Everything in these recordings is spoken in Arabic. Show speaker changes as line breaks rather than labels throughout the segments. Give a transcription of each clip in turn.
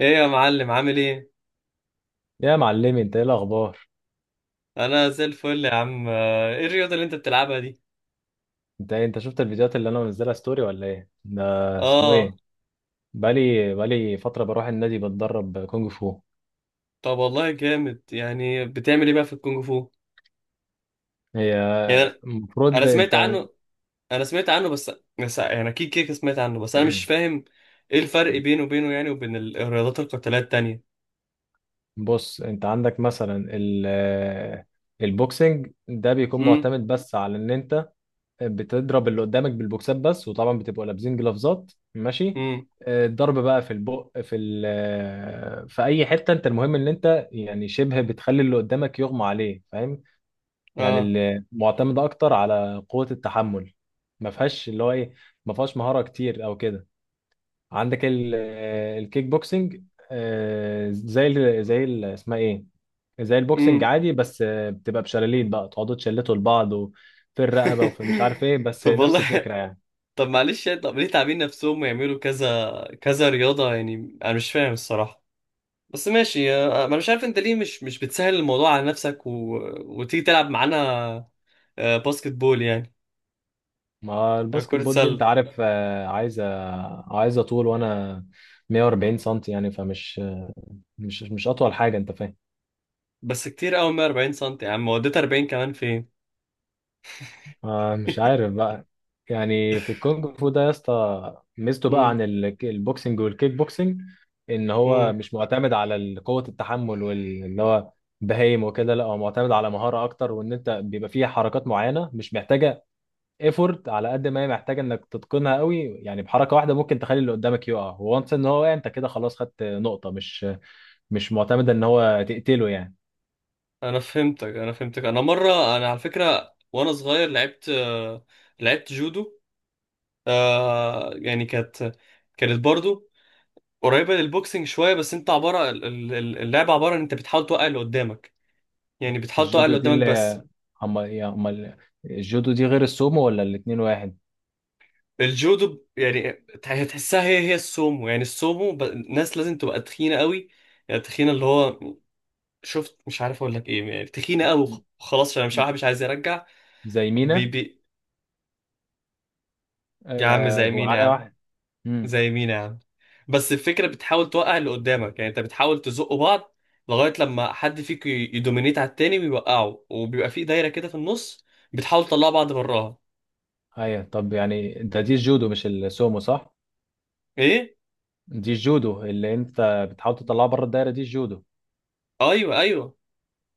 ايه يا معلم؟ عامل ايه؟
يا معلمي، انت ايه الاخبار؟
انا زي الفل يا عم. ايه الرياضه اللي انت بتلعبها دي؟
انت شفت الفيديوهات اللي انا منزلها ستوري ولا ايه ده؟ اسمه
اه.
ايه؟ بقالي فتره بروح النادي بتدرب كونج فو.
طب والله جامد، يعني بتعمل ايه بقى في الكونغ فو؟
هي
يعني انا أنا
المفروض
سمعت
انت
عنه. بس بس يعني اكيد كده كده سمعت عنه، بس انا مش فاهم ايه الفرق بينه يعني وبين الرياضات القتاليه التانية.
بص، انت عندك مثلا البوكسنج ده بيكون
امم.
معتمد بس على ان انت بتضرب اللي قدامك بالبوكسات بس، وطبعا بتبقوا لابسين جلافزات. ماشي.
امم.
اه، الضرب بقى في البق في ال آه، في اي حته، انت المهم ان انت يعني شبه بتخلي اللي قدامك يغمى عليه. فاهم؟ يعني
اه.
اللي معتمدة أكتر على قوة التحمل، ما فيهاش اللي هو إيه ما فيهاش مهارة كتير أو كده. عندك الكيك بوكسنج. آه، زي ال زي ال اسمها إيه زي البوكسنج
امم.
عادي، بس بتبقى بشلالين، بقى تقعدوا تشلتوا لبعض وفي الرقبة وفي مش عارف إيه، بس
طب
نفس
والله.
الفكرة يعني.
طب معلش يعني، طب ليه تعبين نفسهم ويعملوا كذا كذا رياضه؟ يعني انا مش فاهم الصراحه، بس ماشي. انا مش عارف انت ليه مش بتسهل الموضوع على نفسك وتيجي تلعب معانا، باسكت بول يعني،
ما الباسكت
كرة
بول دي أنت
سلة.
عارف، عايزة طول، وأنا 140 سنتي يعني، فمش مش مش أطول حاجة. أنت فاهم؟
بس كتير قوي 140 سم يا عم، وديت 40 كمان فين؟
آه، مش عارف بقى. يعني في الكونغ فو ده يا اسطى، ميزته بقى
امم.
عن البوكسنج والكيك بوكسنج، ان هو
امم.
مش معتمد على قوة التحمل واللي هو بهايم وكده. لا، هو معتمد على مهارة اكتر، وان انت بيبقى فيه حركات معينة مش محتاجة ايفورت على قد ما هي محتاجة انك تتقنها قوي. يعني بحركة واحدة ممكن تخلي اللي قدامك يقع، وانس ان هو وقع، انت كده خلاص خدت نقطة. مش معتمدة ان هو تقتله يعني.
انا فهمتك. انا على فكره وانا صغير لعبت، لعبت جودو. يعني كانت برضو قريبه للبوكسنج شويه. بس انت عباره ال- ال- ال- اللعبه عباره ان انت بتحاول توقع اللي قدامك، يعني بتحاول توقع
الجودو
اللي
دي
قدامك بس.
اللي هم هم، الجودو دي غير السومو ولا الاتنين واحد؟
الجودو يعني تحسها هي هي السومو. يعني السومو الناس لازم تبقى تخينه قوي، يعني تخينه اللي هو، شفت، مش عارف اقول لك ايه، يعني تخينه قوي.
م-
خلاص انا مش عارف، مش عايز يرجع.
زي
بي
مينا.
بي يا عم زي مين يا
ومعايا
عم؟
واحد. امم
زي مين يا عم بس الفكره بتحاول توقع اللي قدامك، يعني انت بتحاول تزقوا بعض لغايه لما حد فيك يدومينيت على التاني ويوقعه، وبيبقى في دايره كده في النص بتحاول تطلع بعض براها.
ايوه، طب يعني انت دي الجودو مش السومو، صح؟
ايه؟
دي الجودو اللي انت بتحاول تطلعها بره الدايره، دي الجودو.
ايوه، ايوه.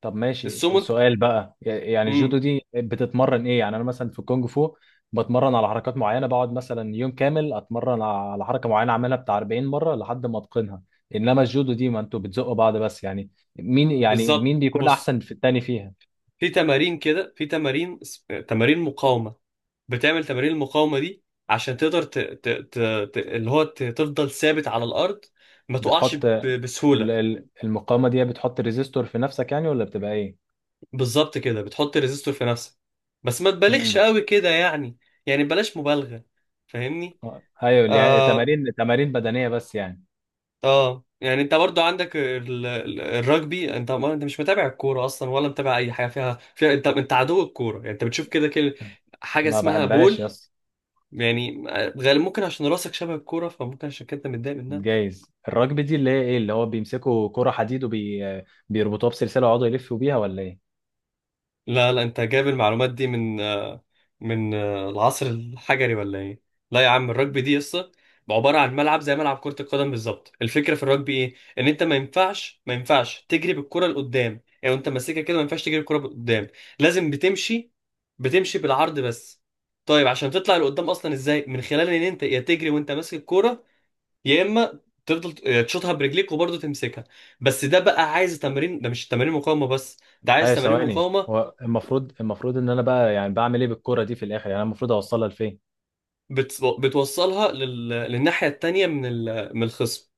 طب ماشي،
السومو.
سؤال بقى، يعني
امم.
الجودو دي بتتمرن ايه؟ يعني انا مثلا في الكونج فو بتمرن على حركات معينه، بقعد مثلا يوم كامل اتمرن على حركه معينه، اعملها بتاع 40 مره لحد ما اتقنها. انما الجودو دي، ما انتوا بتزقوا بعض بس يعني، مين يعني
بالظبط،
مين بيكون
بص.
احسن في التاني فيها؟
في تمارين كده، في تمارين تمارين مقاومة. بتعمل تمارين المقاومة دي عشان تقدر اللي هو تفضل ثابت على الأرض، ما تقعش
بتحط ال-
بسهولة.
المقاومة دي بتحط ريزيستور في نفسك يعني، ولا بتبقى ايه؟
بالظبط كده بتحط ريزيستور في نفسك، بس ما تبالغش
امم
قوي كده يعني. يعني بلاش مبالغة. فاهمني؟
ايوه، اللي يعني
آه.
تمارين بدنية بس يعني.
آه يعني انت برضو عندك الرجبي. انت، ما انت مش متابع الكورة اصلا ولا متابع اي حاجة فيها، انت عدو الكورة يعني. انت بتشوف كده كده حاجة
ما
اسمها بول،
بحبهاش، يس.
يعني. غالبا ممكن عشان راسك شبه الكورة فممكن عشان كده انت متضايق منها.
جايز. الرجبي دي اللي هي ايه، اللي هو بيمسكوا كرة حديد وبيربطوها بسلسلة ويقعدوا يلفوا بيها، ولا ايه؟
لا لا، انت جايب المعلومات دي من العصر الحجري ولا ايه؟ لا يا عم، الرugby دي قصة. عبارة عن ملعب زي ملعب كرة القدم بالظبط. الفكرة في الرugby ايه؟ ان انت ما ينفعش تجري بالكرة لقدام يعني، وانت ماسكها كده ما ينفعش تجري بالكرة لقدام. لازم بتمشي بتمشي بالعرض بس. طيب عشان تطلع لقدام اصلا ازاي؟ من خلال ان انت يا تجري وانت ماسك الكوره، يا اما تفضل تشوطها برجليك وبرضه تمسكها. بس ده بقى عايز تمارين، ده مش تمارين مقاومه بس، ده عايز
ايوه
تمارين
ثواني،
مقاومه.
هو المفروض ان انا بقى يعني بعمل ايه بالكرة دي في الاخر؟ يعني انا المفروض اوصلها لفين؟
بتوصلها للناحيه التانيه من الخصم.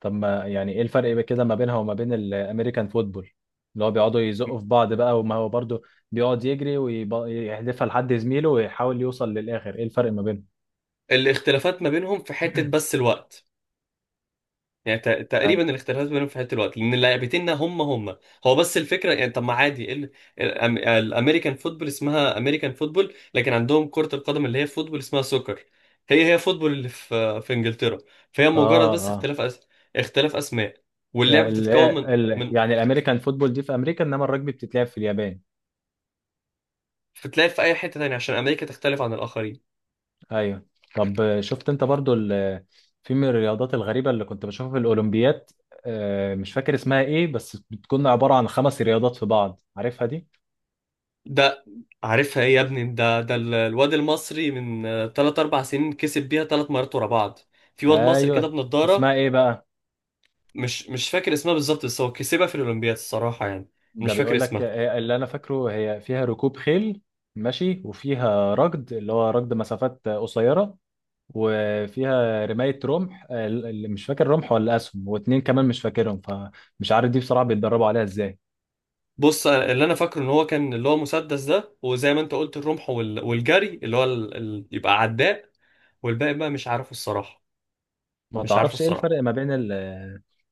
طب ما يعني ايه الفرق بقى كده ما بينها وما بين الامريكان فوتبول، اللي هو بيقعدوا يزقوا في بعض بقى، وما هو برضه بيقعد يجري ويحدفها لحد زميله ويحاول يوصل للاخر. ايه الفرق ما بينهم؟
الاختلافات ما بينهم في حته، بس الوقت. يعني
يعني
تقريبا الاختلاف بينهم في حته الوقت، لان اللاعبتين هم هم. هو بس الفكره يعني. طب ما عادي، إيه الامريكان فوتبول اسمها امريكان فوتبول، لكن عندهم كره القدم اللي هي فوتبول اسمها سوكر. هي هي فوتبول اللي في انجلترا. فهي مجرد
اه،
بس
اه،
اختلاف اسماء. واللعبه
يعني ال...
بتتكون من
ال...
من
يعني الامريكان فوتبول دي في امريكا، انما الرجبي بتتلعب في اليابان.
بتتلعب في اي حته تانية عشان امريكا تختلف عن الاخرين.
ايوه. طب شفت انت برضو في من الرياضات الغريبه اللي كنت بشوفها في الاولمبيات، مش فاكر اسمها ايه، بس بتكون عباره عن خمس رياضات في بعض. عارفها دي؟
ده، عارفها ايه يا ابني؟ ده الواد المصري من 3 4 سنين كسب بيها ثلاث مرات ورا بعض. في واد مصري كده
ايوه، اسمها
بنضاره.
ايه بقى؟
مش فاكر اسمها بالظبط، بس هو كسبها في الأولمبياد الصراحة يعني.
ده
مش فاكر
بيقول لك،
اسمها.
اللي انا فاكره هي فيها ركوب خيل، ماشي، وفيها ركض اللي هو ركض مسافات قصيره، وفيها رمايه رمح، اللي مش فاكر رمح ولا اسهم، واتنين كمان مش فاكرهم، فمش عارف دي بصراحه بيتدربوا عليها ازاي.
بص، اللي انا فاكره ان هو كان، اللي هو مسدس ده، وزي ما انت قلت الرمح، والجري اللي هو يبقى عداء. والباقي بقى مش عارفه الصراحة.
ما
مش عارفه
تعرفش ايه الفرق
الصراحة.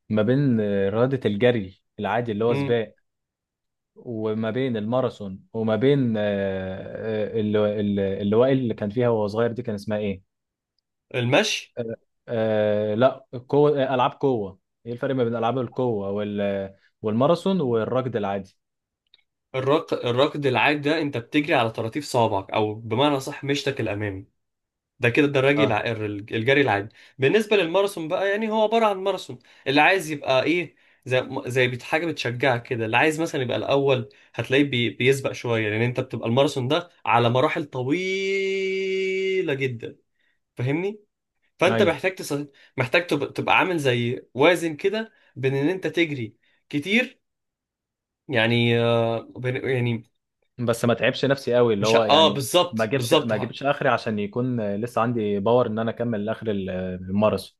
ما بين رياضه الجري العادي اللي هو
امم.
سباق، وما بين الماراثون، وما بين اللي وائل اللي كان فيها وهو صغير دي كان اسمها ايه؟
المشي.
آه. آه، لا قوة آه، ألعاب قوة. ايه الفرق ما بين ألعاب القوة والماراثون والركض العادي؟
الركض العادي ده انت بتجري على طراطيف صوابعك، او بمعنى صح، مشتك الأمامي. ده كده الدراجي
اه.
الجري العادي. بالنسبة للماراثون بقى، يعني هو عبارة عن ماراثون اللي عايز يبقى ايه، زي حاجة بتشجعك كده. اللي عايز مثلا يبقى الأول هتلاقيه بيسبق شوية، لأن أنت بتبقى الماراثون ده على مراحل طويلة جدا. فاهمني؟ فأنت
ايوه،
محتاج تبقى عامل زي وازن كده بين إن أنت تجري كتير، يعني يعني،
بس ما تعبش نفسي قوي، اللي
مش
هو
اه،
يعني ما
بالظبط،
اجيبش
بالظبط
ما اجيبش اخري عشان يكون لسه عندي باور ان انا اكمل لاخر الماراثون.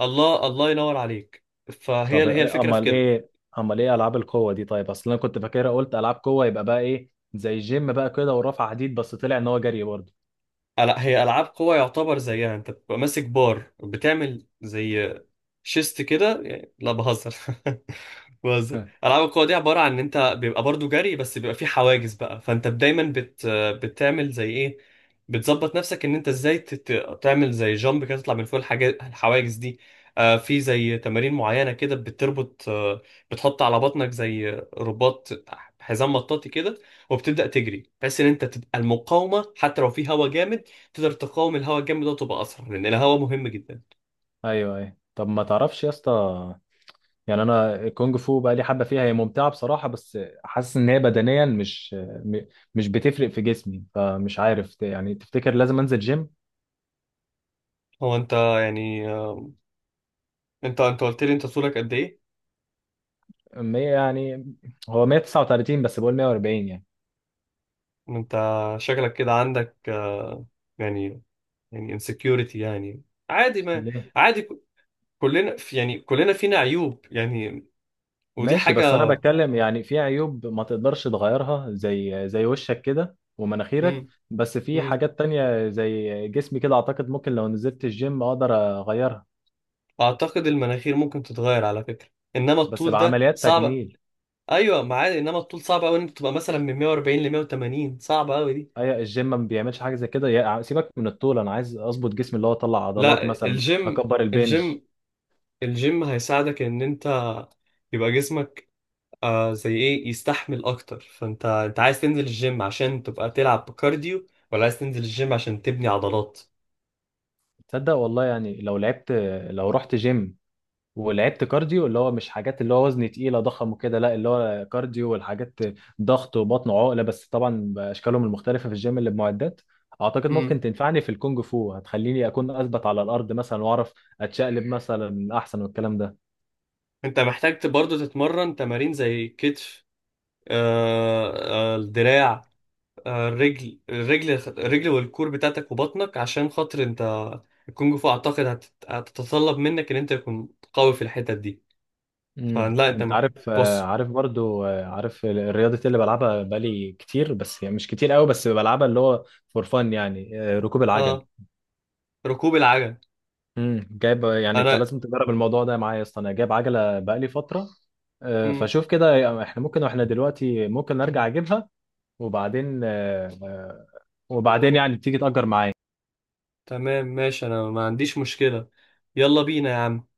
الله، الله ينور عليك. فهي
طب
هي الفكرة في
امال
كده.
ايه امال ايه العاب القوة دي؟ طيب اصل انا كنت فاكرها قلت العاب قوة يبقى بقى ايه، زي الجيم بقى كده ورفع حديد، بس طلع ان هو جري برضه.
لا، هي العاب قوى يعتبر زيها انت بتبقى ماسك بار، بتعمل زي شيست كده لا، بهزر. بهزر. العاب القوى دي عباره عن ان انت بيبقى برضو جري، بس بيبقى فيه حواجز بقى، فانت دايما بتعمل زي ايه؟ بتظبط نفسك ان انت ازاي تعمل زي جامب كده، تطلع من فوق الحاجات الحواجز دي. آه، في زي تمارين معينه كده بتربط، بتحط على بطنك زي رباط، حزام مطاطي كده، وبتبدا تجري بحيث ان انت تبقى المقاومه، حتى لو في هوا جامد تقدر تقاوم الهواء الجامد ده وتبقى اسرع، لان الهواء مهم جدا.
ايوه، ايوه. طب ما تعرفش يا اسطى، يعني انا الكونج فو بقى لي حبه فيها، هي ممتعه بصراحه، بس حاسس ان هي بدنيا م- مش بتفرق في جسمي، فمش عارف يعني تفتكر لازم انزل جيم؟
هو انت يعني، انت قلت لي انت طولك قد ايه؟
100 يعني، هو 139، بس بقول 140 يعني.
انت شكلك كده عندك، يعني يعني insecurity يعني، عادي. ما
ليه؟
عادي كلنا فينا عيوب يعني، ودي
ماشي، بس انا
حاجة.
بتكلم يعني في عيوب ما تقدرش تغيرها زي وشك كده ومناخيرك،
مم.
بس في
مم.
حاجات تانية زي جسمي كده، اعتقد ممكن لو نزلت الجيم اقدر اغيرها.
اعتقد المناخير ممكن تتغير على فكرة، انما
بس
الطول ده
بعمليات
صعب.
تجميل.
ايوه ما عادي، انما الطول صعب قوي ان انت تبقى مثلا من 140 ل 180، صعب قوي دي.
هي الجيم ما بيعملش حاجه زي كده؟ سيبك من الطول، انا عايز اظبط جسمي اللي هو اطلع عضلات
لا،
مثلا اكبر البنج.
الجيم الجيم هيساعدك ان انت يبقى جسمك، زي ايه، يستحمل اكتر. فانت عايز تنزل الجيم عشان تبقى تلعب بكارديو، ولا عايز تنزل الجيم عشان تبني عضلات؟
تصدق والله، يعني لو رحت جيم ولعبت كارديو، اللي هو مش حاجات اللي هو وزن تقيله ضخم وكده، لا اللي هو كارديو والحاجات ضغط وبطن وعقله، بس طبعا باشكالهم المختلفه في الجيم اللي بمعدات، اعتقد
امم.
ممكن تنفعني في الكونج فو، هتخليني اكون اثبت على الارض مثلا، واعرف اتشقلب مثلا احسن والكلام ده.
انت محتاج برضه تتمرن تمارين زي كتف، آه الدراع، الرجل، الرجل والكور بتاعتك وبطنك، عشان خاطر انت الكونج فو اعتقد هتتطلب منك ان انت تكون قوي في الحتت دي. فلا، انت
انت عارف آه،
بص.
عارف برضو آه، عارف الرياضه اللي بلعبها بقالي كتير، بس يعني مش كتير قوي، بس بلعبها، اللي هو فور فان يعني، ركوب العجل.
آه ركوب العجل.
جايب يعني انت
انا،
لازم تجرب الموضوع ده معايا يا اسطى، انا جايب عجله بقالي فتره، فشوف كده احنا ممكن واحنا دلوقتي ممكن ارجع اجيبها، وبعدين آه، آه، وبعدين يعني تيجي تأجر معايا.
تمام ماشي، انا ما عنديش مشكلة. يلا بينا يا عم.